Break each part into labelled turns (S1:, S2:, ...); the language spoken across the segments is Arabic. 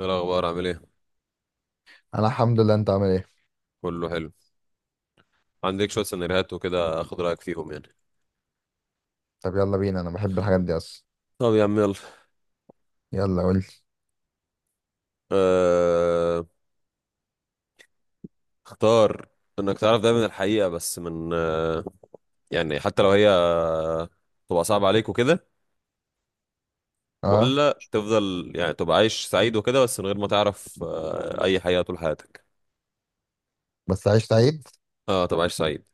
S1: ايه الاخبار عامل ايه؟
S2: انا الحمد لله. انت عامل ايه؟
S1: كله حلو. عندك شويه سيناريوهات وكده اخد رايك فيهم يعني.
S2: طب يلا بينا، انا بحب الحاجات دي اصلا.
S1: طب يا عم يلا.
S2: يلا قول لي.
S1: أه... اختار انك تعرف دايما الحقيقه بس من يعني حتى لو هي تبقى صعبه عليك وكده،
S2: اه.
S1: ولا تفضل يعني تبقى عايش سعيد وكده بس من غير ما تعرف اي حقيقه طول حياتك؟
S2: بس عيش سعيد.
S1: اه تبقى عايش سعيد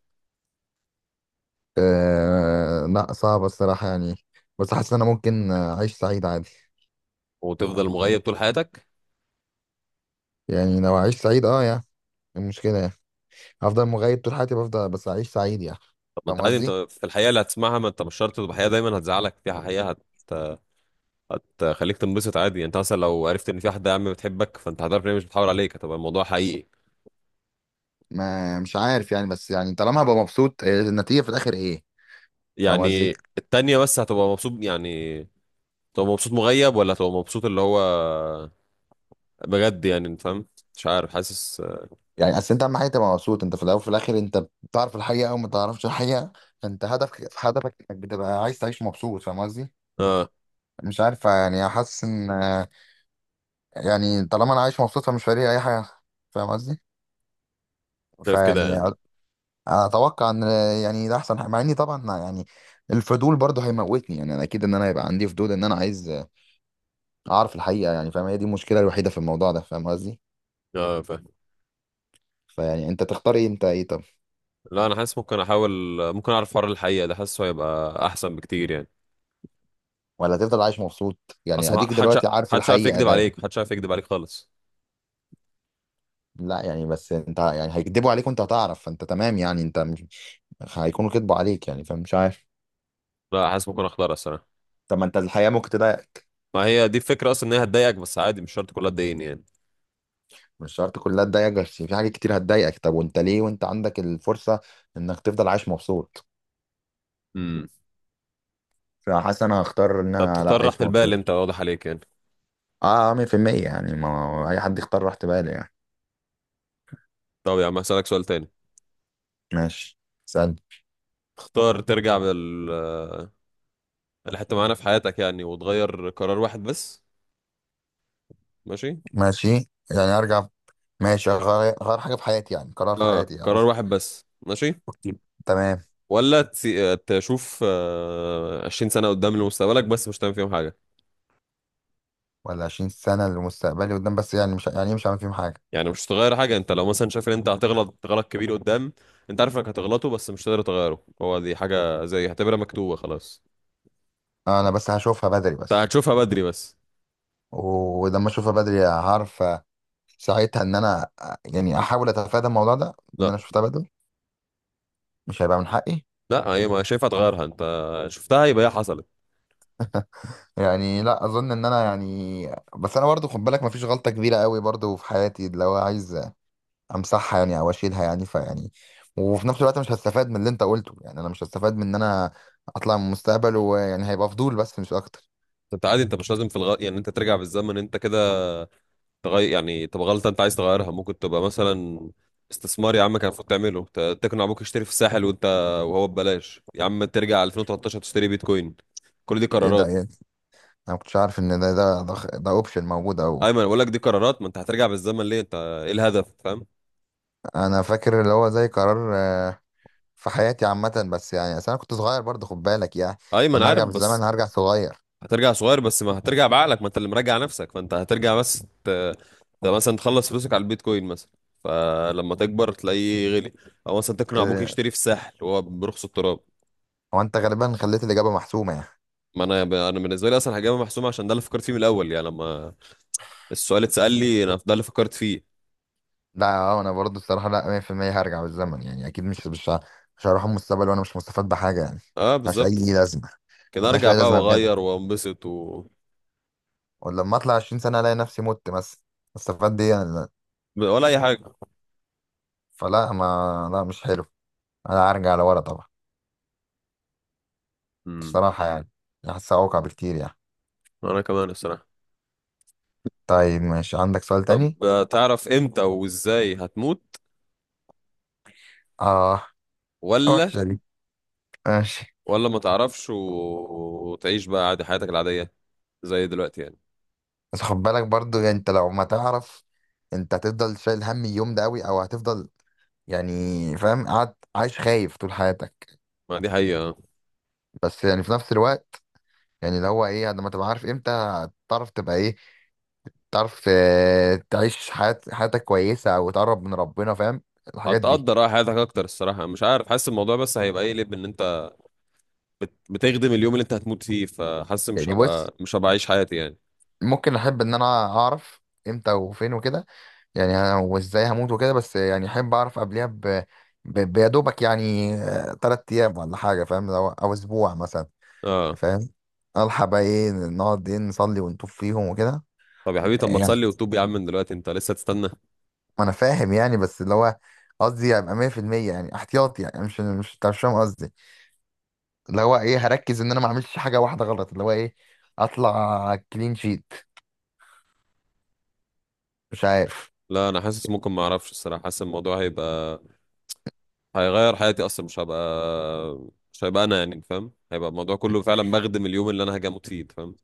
S2: آه لا، صعب الصراحه يعني. بس حاسس ان انا ممكن اعيش سعيد عادي.
S1: وتفضل مغيب طول حياتك.
S2: يعني لو اعيش سعيد يعني، إيه المشكله يعني؟ هفضل مغيب طول حياتي، بفضل بس اعيش سعيد يعني.
S1: طب ما انت
S2: فاهم
S1: عادي، انت
S2: قصدي.
S1: في الحقيقه اللي هتسمعها، ما انت مش شرط تبقى حقيقه دايما هتزعلك، فيها حقيقه هتخليك تنبسط عادي. يعني انت مثلا لو عرفت ان في واحده يا عم بتحبك فانت هتعرف ان هي مش بتحاول عليك، هتبقى الموضوع حقيقي
S2: ما مش عارف يعني، بس يعني طالما هبقى مبسوط، إيه النتيجه في الاخر؟ ايه؟ فاهم
S1: يعني.
S2: قصدي.
S1: التانية بس هتبقى مبسوط يعني، تبقى مبسوط مغيب ولا تبقى مبسوط اللي هو بجد يعني، انت فاهم؟ مش عارف، حاسس.
S2: يعني اصل انت اهم حاجه تبقى مبسوط انت، في الاول وفي الاخر انت بتعرف الحقيقه او ما تعرفش الحقيقه. فانت هدفك، هدفك انك بتبقى عايز تعيش مبسوط. فاهم قصدي.
S1: اه،
S2: مش عارف يعني، حاسس ان يعني طالما انا عايش مبسوط فمش فارق لي اي حاجه. فاهم قصدي.
S1: شايف كده
S2: فيعني
S1: يعني.
S2: أ- اتوقع ان يعني ده احسن حاجة. مع اني طبعا يعني الفضول برضه هيموتني. يعني انا اكيد ان انا هيبقى عندي فضول، ان انا عايز اعرف الحقيقه يعني. فاهم، هي دي المشكله الوحيده في الموضوع ده. فاهم قصدي.
S1: اه فاهم.
S2: فيعني انت تختار ايه؟ انت ايه؟ طب
S1: لا انا حاسس ممكن احاول، ممكن اعرف حوار الحقيقه ده، حاسه هيبقى احسن بكتير يعني.
S2: ولا تفضل عايش مبسوط؟ يعني
S1: اصلا
S2: اديك
S1: محدش
S2: دلوقتي عارف
S1: محدش عارف
S2: الحقيقه
S1: يكذب
S2: ده.
S1: عليك، محدش عارف يكذب عليك خالص.
S2: لا يعني، بس انت يعني هيكدبوا عليك وانت هتعرف، فانت تمام يعني، انت مش هيكونوا كدبوا عليك يعني. فمش عارف.
S1: لا حاسس ممكن اختارها الصراحه.
S2: طب ما انت الحقيقه ممكن تضايقك.
S1: ما هي دي الفكره اصلا ان هي هتضايقك، بس عادي مش شرط كلها تضايقني
S2: مش شرط كلها تضايقك، بس في حاجات كتير هتضايقك. طب وانت ليه وانت عندك الفرصة انك تفضل عايش مبسوط؟
S1: يعني.
S2: فحاسس انا هختار ان
S1: طب
S2: انا لا،
S1: تختار راحة
S2: عايش
S1: البال،
S2: مبسوط.
S1: انت واضح عليك يعني.
S2: اه 100%. يعني ما هو اي حد يختار راحة باله يعني.
S1: طب يا عم هسألك سؤال تاني.
S2: ماشي. سأل.
S1: تختار ترجع لحتة معانا في حياتك يعني وتغير قرار واحد بس، ماشي؟
S2: ماشي. يعني ارجع. ماشي، غير غير حاجة في حياتي، يعني قرار في
S1: اه
S2: حياتي يعني،
S1: قرار
S2: قصدي.
S1: واحد بس، ماشي.
S2: أوكي. تمام.
S1: ولا تشوف 20 سنة قدام لمستقبلك، بس مش هتعمل فيهم حاجة؟
S2: ولا 20 سنة لمستقبلي قدام، بس يعني مش هعمل فيهم حاجة.
S1: يعني مش هتغير حاجة، انت لو مثلا شايف ان انت هتغلط غلط كبير قدام، انت عارف انك هتغلطه بس مش هتقدر تغيره، هو دي حاجة زي اعتبرها مكتوبة خلاص.
S2: انا بس هشوفها بدري
S1: انت
S2: بس.
S1: هتشوفها بدري بس.
S2: ولما اشوفها بدري هعرف ساعتها ان انا يعني احاول اتفادى الموضوع ده. ان
S1: لا
S2: انا شفتها بدري، مش هيبقى من حقي.
S1: لا، هي ما شايفها تغيرها انت، شفتها يبقى هي حصلت.
S2: يعني لا اظن ان انا يعني، بس انا برضو خد بالك مفيش غلطه كبيره قوي برضو في حياتي لو عايز امسحها يعني، او اشيلها يعني. فيعني وفي نفس الوقت مش هستفاد من اللي انت قلته. يعني انا مش هستفاد من ان انا اطلع من المستقبل، ويعني هيبقى فضول بس مش اكتر.
S1: انت عادي، انت مش لازم في يعني انت ترجع بالزمن انت كده تغير، يعني تبقى غلطه انت عايز تغيرها. ممكن تبقى مثلا استثمار، يا عم كان المفروض تعمله، تقنع ابوك يشتري في الساحل وانت وهو ببلاش، يا عم ترجع 2013 تشتري بيتكوين. كل دي
S2: ايه ده
S1: قرارات.
S2: يعني؟ انا ما كنتش عارف ان ده اوبشن موجود او.
S1: ايمن بقول لك دي قرارات، ما انت هترجع بالزمن ليه؟ انت ايه الهدف فاهم.
S2: انا فاكر اللي هو زي قرار في حياتي عامه، بس يعني اصل انا كنت صغير برضو خد بالك يعني.
S1: ايمن
S2: فانا
S1: عارف
S2: هرجع بالزمن،
S1: بس.
S2: هرجع صغير.
S1: هترجع صغير بس ما هترجع بعقلك، ما انت اللي مراجع نفسك، فانت هترجع ده مثلا تخلص فلوسك على البيتكوين مثلا، فلما تكبر تلاقيه غلي، او مثلا تقنع
S2: إيه
S1: ابوك
S2: ده؟
S1: يشتري في الساحل وهو برخص التراب.
S2: هو انت غالبا خليت الاجابه محسومه يعني.
S1: ما انا، انا بالنسبه لي اصلا حاجه محسومه عشان ده اللي فكرت فيه من الاول يعني، لما السؤال اتسال لي انا ده اللي فكرت فيه.
S2: لا اه، انا برضه الصراحه لا 100% هرجع بالزمن يعني. اكيد مش هروح المستقبل وانا مش مستفاد بحاجه يعني.
S1: اه
S2: ملهاش
S1: بالظبط،
S2: اي لازمه.
S1: كده
S2: ملهاش
S1: ارجع
S2: اي
S1: بقى
S2: لازمه بجد.
S1: واغير وانبسط
S2: ولما اطلع 20 سنه الاقي نفسي مت مثلا، استفاد دي يعني؟ لا.
S1: ولا اي حاجه.
S2: فلا، ما لا، مش حلو. انا هرجع لورا طبعا
S1: امم
S2: الصراحه يعني. حاسسها اوقع بكتير يعني.
S1: انا كمان الصراحه.
S2: طيب ماشي، عندك سؤال تاني؟
S1: بتعرف امتى وازاي هتموت
S2: اه.
S1: ولا،
S2: وحشه دي. ماشي.
S1: ولا ما تعرفش وتعيش بقى عادي حياتك العاديه زي دلوقتي يعني؟
S2: بس خد بالك برضه، يعني انت لو ما تعرف، انت هتفضل شايل هم اليوم ده قوي، او هتفضل يعني فاهم قاعد عايش خايف طول حياتك.
S1: ما دي حقيقه.
S2: بس يعني في نفس الوقت يعني اللي هو ايه، لما تبقى عارف امتى، تعرف تبقى ايه، تعرف تعيش حياة، حياتك كويسة، او تقرب من ربنا. فاهم، الحاجات دي.
S1: هتقدر اه حياتك اكتر الصراحه، مش عارف، حاسس الموضوع بس هيبقى ايه ليه، ان انت بتخدم اليوم اللي انت هتموت فيه، فحاسس مش
S2: يعني بص،
S1: هبقى، عايش حياتي يعني.
S2: ممكن احب ان انا اعرف امتى وفين وكده، يعني أنا وازاي هموت وكده. بس يعني احب اعرف قبلها بيدوبك يعني تلات ايام ولا حاجة. فاهم؟ او اسبوع مثلا.
S1: اه.
S2: فاهم. الحق بقى ايه، نقعد ايه نصلي ونطوف فيهم وكده.
S1: طب يا حبيبي، طب ما
S2: يعني
S1: تصلي وتوب يا عم من دلوقتي، انت لسه تستنى.
S2: ما انا فاهم يعني، بس اللي هو قصدي ابقى 100% يعني، احتياطي يعني. مش مش انت مش فاهم قصدي. اللي هو ايه، هركز ان انا ما اعملش حاجه واحده غلط. اللي هو ايه، اطلع كلين شيت. مش عارف.
S1: لا انا حاسس ممكن ما اعرفش الصراحه، حاسس الموضوع هيبقى، هيغير حياتي اصلا. مش هبقى، مش هيبقى انا يعني فاهم، هيبقى الموضوع كله فعلا بخدم اليوم اللي انا هاجي اموت فيه انت فاهم.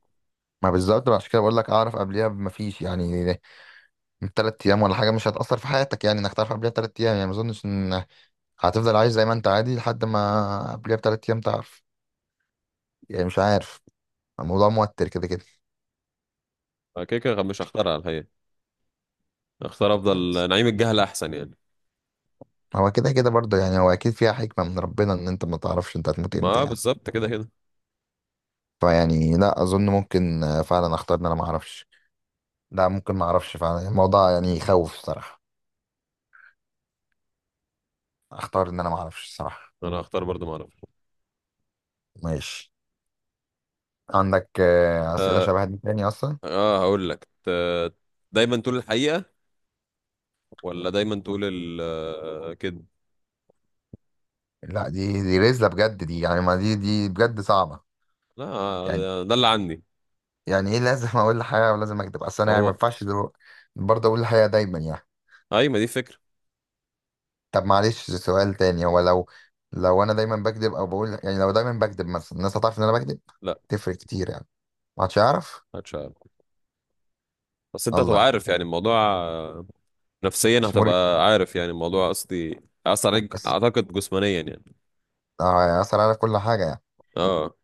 S2: ما بالظبط بقى، عشان كده بقول لك اعرف قبليها، ما فيش يعني، من ثلاث ايام ولا حاجه مش هتاثر في حياتك يعني. انك تعرف قبليها ثلاث ايام يعني، ما اظنش ان هتفضل عايش زي ما انت عادي لحد ما قبليها بثلاث ايام تعرف يعني. مش عارف، الموضوع موتر كده كده.
S1: كده كده مش هختار على الحقيقه، هختار افضل نعيم الجهل احسن يعني.
S2: هو كده كده برضه يعني، هو اكيد فيها حكمه من ربنا ان انت ما تعرفش انت هتموت
S1: ما
S2: امتى
S1: آه
S2: يعني.
S1: بالظبط كده كده.
S2: فيعني لا اظن، ممكن فعلا اختار ان انا ما اعرفش. لا ممكن ما اعرفش فعلا. الموضوع يعني يخوف الصراحه. اختار ان انا ما اعرفش الصراحه.
S1: انا هختار برضه ما اعرفش.
S2: ماشي. عندك اسئله شبه دي تاني اصلا؟
S1: اه هقول لك دايما تقول الحقيقه ولا دايما تقول كده؟
S2: لا، دي رزله بجد دي يعني. ما دي بجد صعبه
S1: لا
S2: يعني.
S1: ده اللي عندي.
S2: يعني ايه، لازم اقول الحقيقه ولازم اكذب؟ اصل انا يعني ما
S1: هو
S2: ينفعش برضه اقول الحقيقه دايما يعني.
S1: ايوه، ما دي فكره.
S2: طب معلش، سؤال تاني. هو لو انا دايما بكذب، او بقول يعني لو دايما بكذب مثلا، الناس هتعرف ان انا بكذب؟
S1: لا
S2: تفرق كتير يعني. ما حدش يعرف.
S1: هتشعر، بس انت هتبقى
S2: الله.
S1: عارف يعني الموضوع نفسيا
S2: مش مريح.
S1: هتبقى عارف يعني الموضوع، قصدي اثر عليك
S2: بس
S1: اعتقد جسمانيا يعني.
S2: هيأثر على كل حاجة يعني.
S1: اه.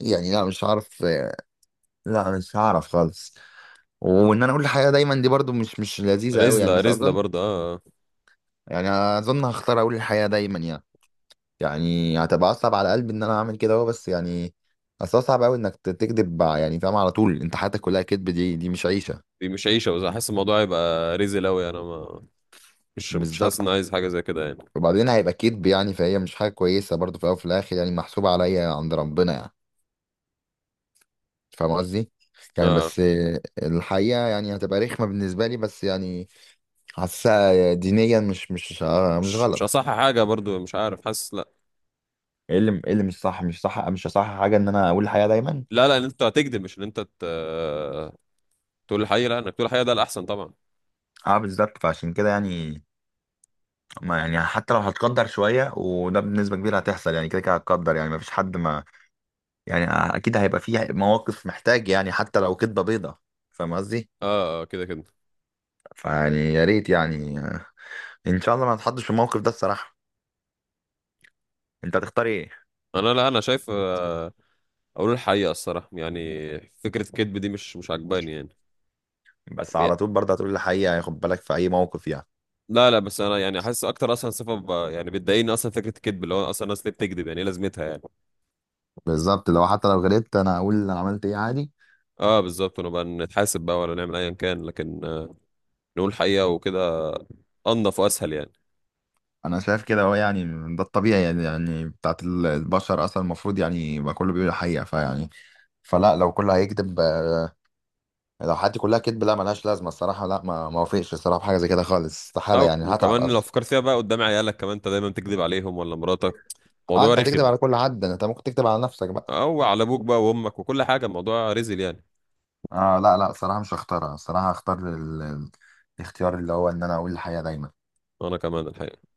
S2: يعني لا مش هعرف. لا مش هعرف خالص. وان انا اقول الحقيقة دايما دي برضو مش لذيذة قوي يعني،
S1: رزلة
S2: بس
S1: رزلة
S2: اظن
S1: برضه اه
S2: يعني اظن هختار اقول الحقيقة دايما يعني. يعني هتبقى اصعب على قلبي ان انا اعمل كده اهو، بس يعني اصل هو صعب قوي انك تكذب يعني فاهم على طول. انت حياتك كلها كذب، دي مش عيشة.
S1: دي مش عيشة، بس حاسس الموضوع هيبقى رزل اوي يعني. انا ما، مش حاسس
S2: بالظبط.
S1: اني عايز حاجة زي كده يعني.
S2: وبعدين هيبقى كذب يعني، فهي مش حاجة كويسة برضو، في الاول وفي الاخر يعني محسوبة عليا عند ربنا يعني. فاهم قصدي. يعني
S1: اه
S2: بس الحقيقة يعني هتبقى رخمة بالنسبة لي، بس يعني حاسسها دينيا مش
S1: مش
S2: غلط.
S1: اصح حاجة برضه، مش عارف حاسس لا.
S2: ايه اللي، ايه اللي مش صح؟ مش صح حاجه ان انا اقول الحقيقه دايما؟
S1: لا لا، ان انت هتكذب، مش ان انت تقول الحقيقة. لا، انك تقول الحقيقة ده الاحسن طبعا.
S2: اه بالظبط. فعشان كده يعني ما يعني حتى لو هتقدر شويه، وده بنسبه كبيره هتحصل يعني كده كده هتقدر يعني. ما فيش حد ما، يعني اكيد هيبقى فيه مواقف محتاج يعني حتى لو كدبه بيضه. فاهم قصدي.
S1: اه كده كده.
S2: فيعني يا ريت يعني، ان شاء الله ما نتحطش في الموقف ده الصراحه. انت هتختار ايه؟
S1: انا لا انا شايف اقول الحقيقة الصراحة يعني. فكرة الكذب دي مش عجباني يعني.
S2: بس على طول برضه هتقول الحقيقه يعني؟ خد بالك، في اي موقف يعني.
S1: لا لا بس انا يعني حاسس اكتر اصلا صفه، يعني بتضايقني اصلا فكره الكذب، اللي هو اصلا الناس ليه بتكذب يعني، ايه لازمتها يعني؟
S2: بالظبط. لو حتى لو غلطت انا اقول انا عملت ايه، عادي.
S1: اه بالظبط، ونبقى نتحاسب بقى ولا نعمل ايا كان، لكن نقول حقيقه وكده، انضف واسهل يعني.
S2: انا شايف كده. هو يعني ده الطبيعي يعني، يعني بتاعت البشر اصلا، المفروض يعني ما كله بيقول الحقيقه. فيعني فلا، لو كله هيكذب لو حياتي كلها كذب، لا ملهاش لازمه الصراحه. لا ما وافقش الصراحه بحاجه زي كده خالص،
S1: لا
S2: استحاله يعني، هتعب
S1: وكمان لو
S2: اصلا.
S1: فكرت فيها بقى قدام عيالك، كمان انت دايما بتكذب عليهم ولا مراتك؟ موضوع
S2: انت هتكذب
S1: رخم.
S2: على كل حد. انت ممكن تكذب على نفسك بقى.
S1: او على ابوك بقى وامك وكل حاجه، الموضوع رزل يعني.
S2: اه لا لا، الصراحه مش هختارها. الصراحه هختار الاختيار اللي هو ان انا اقول الحقيقه دايما.
S1: انا كمان الحقيقه.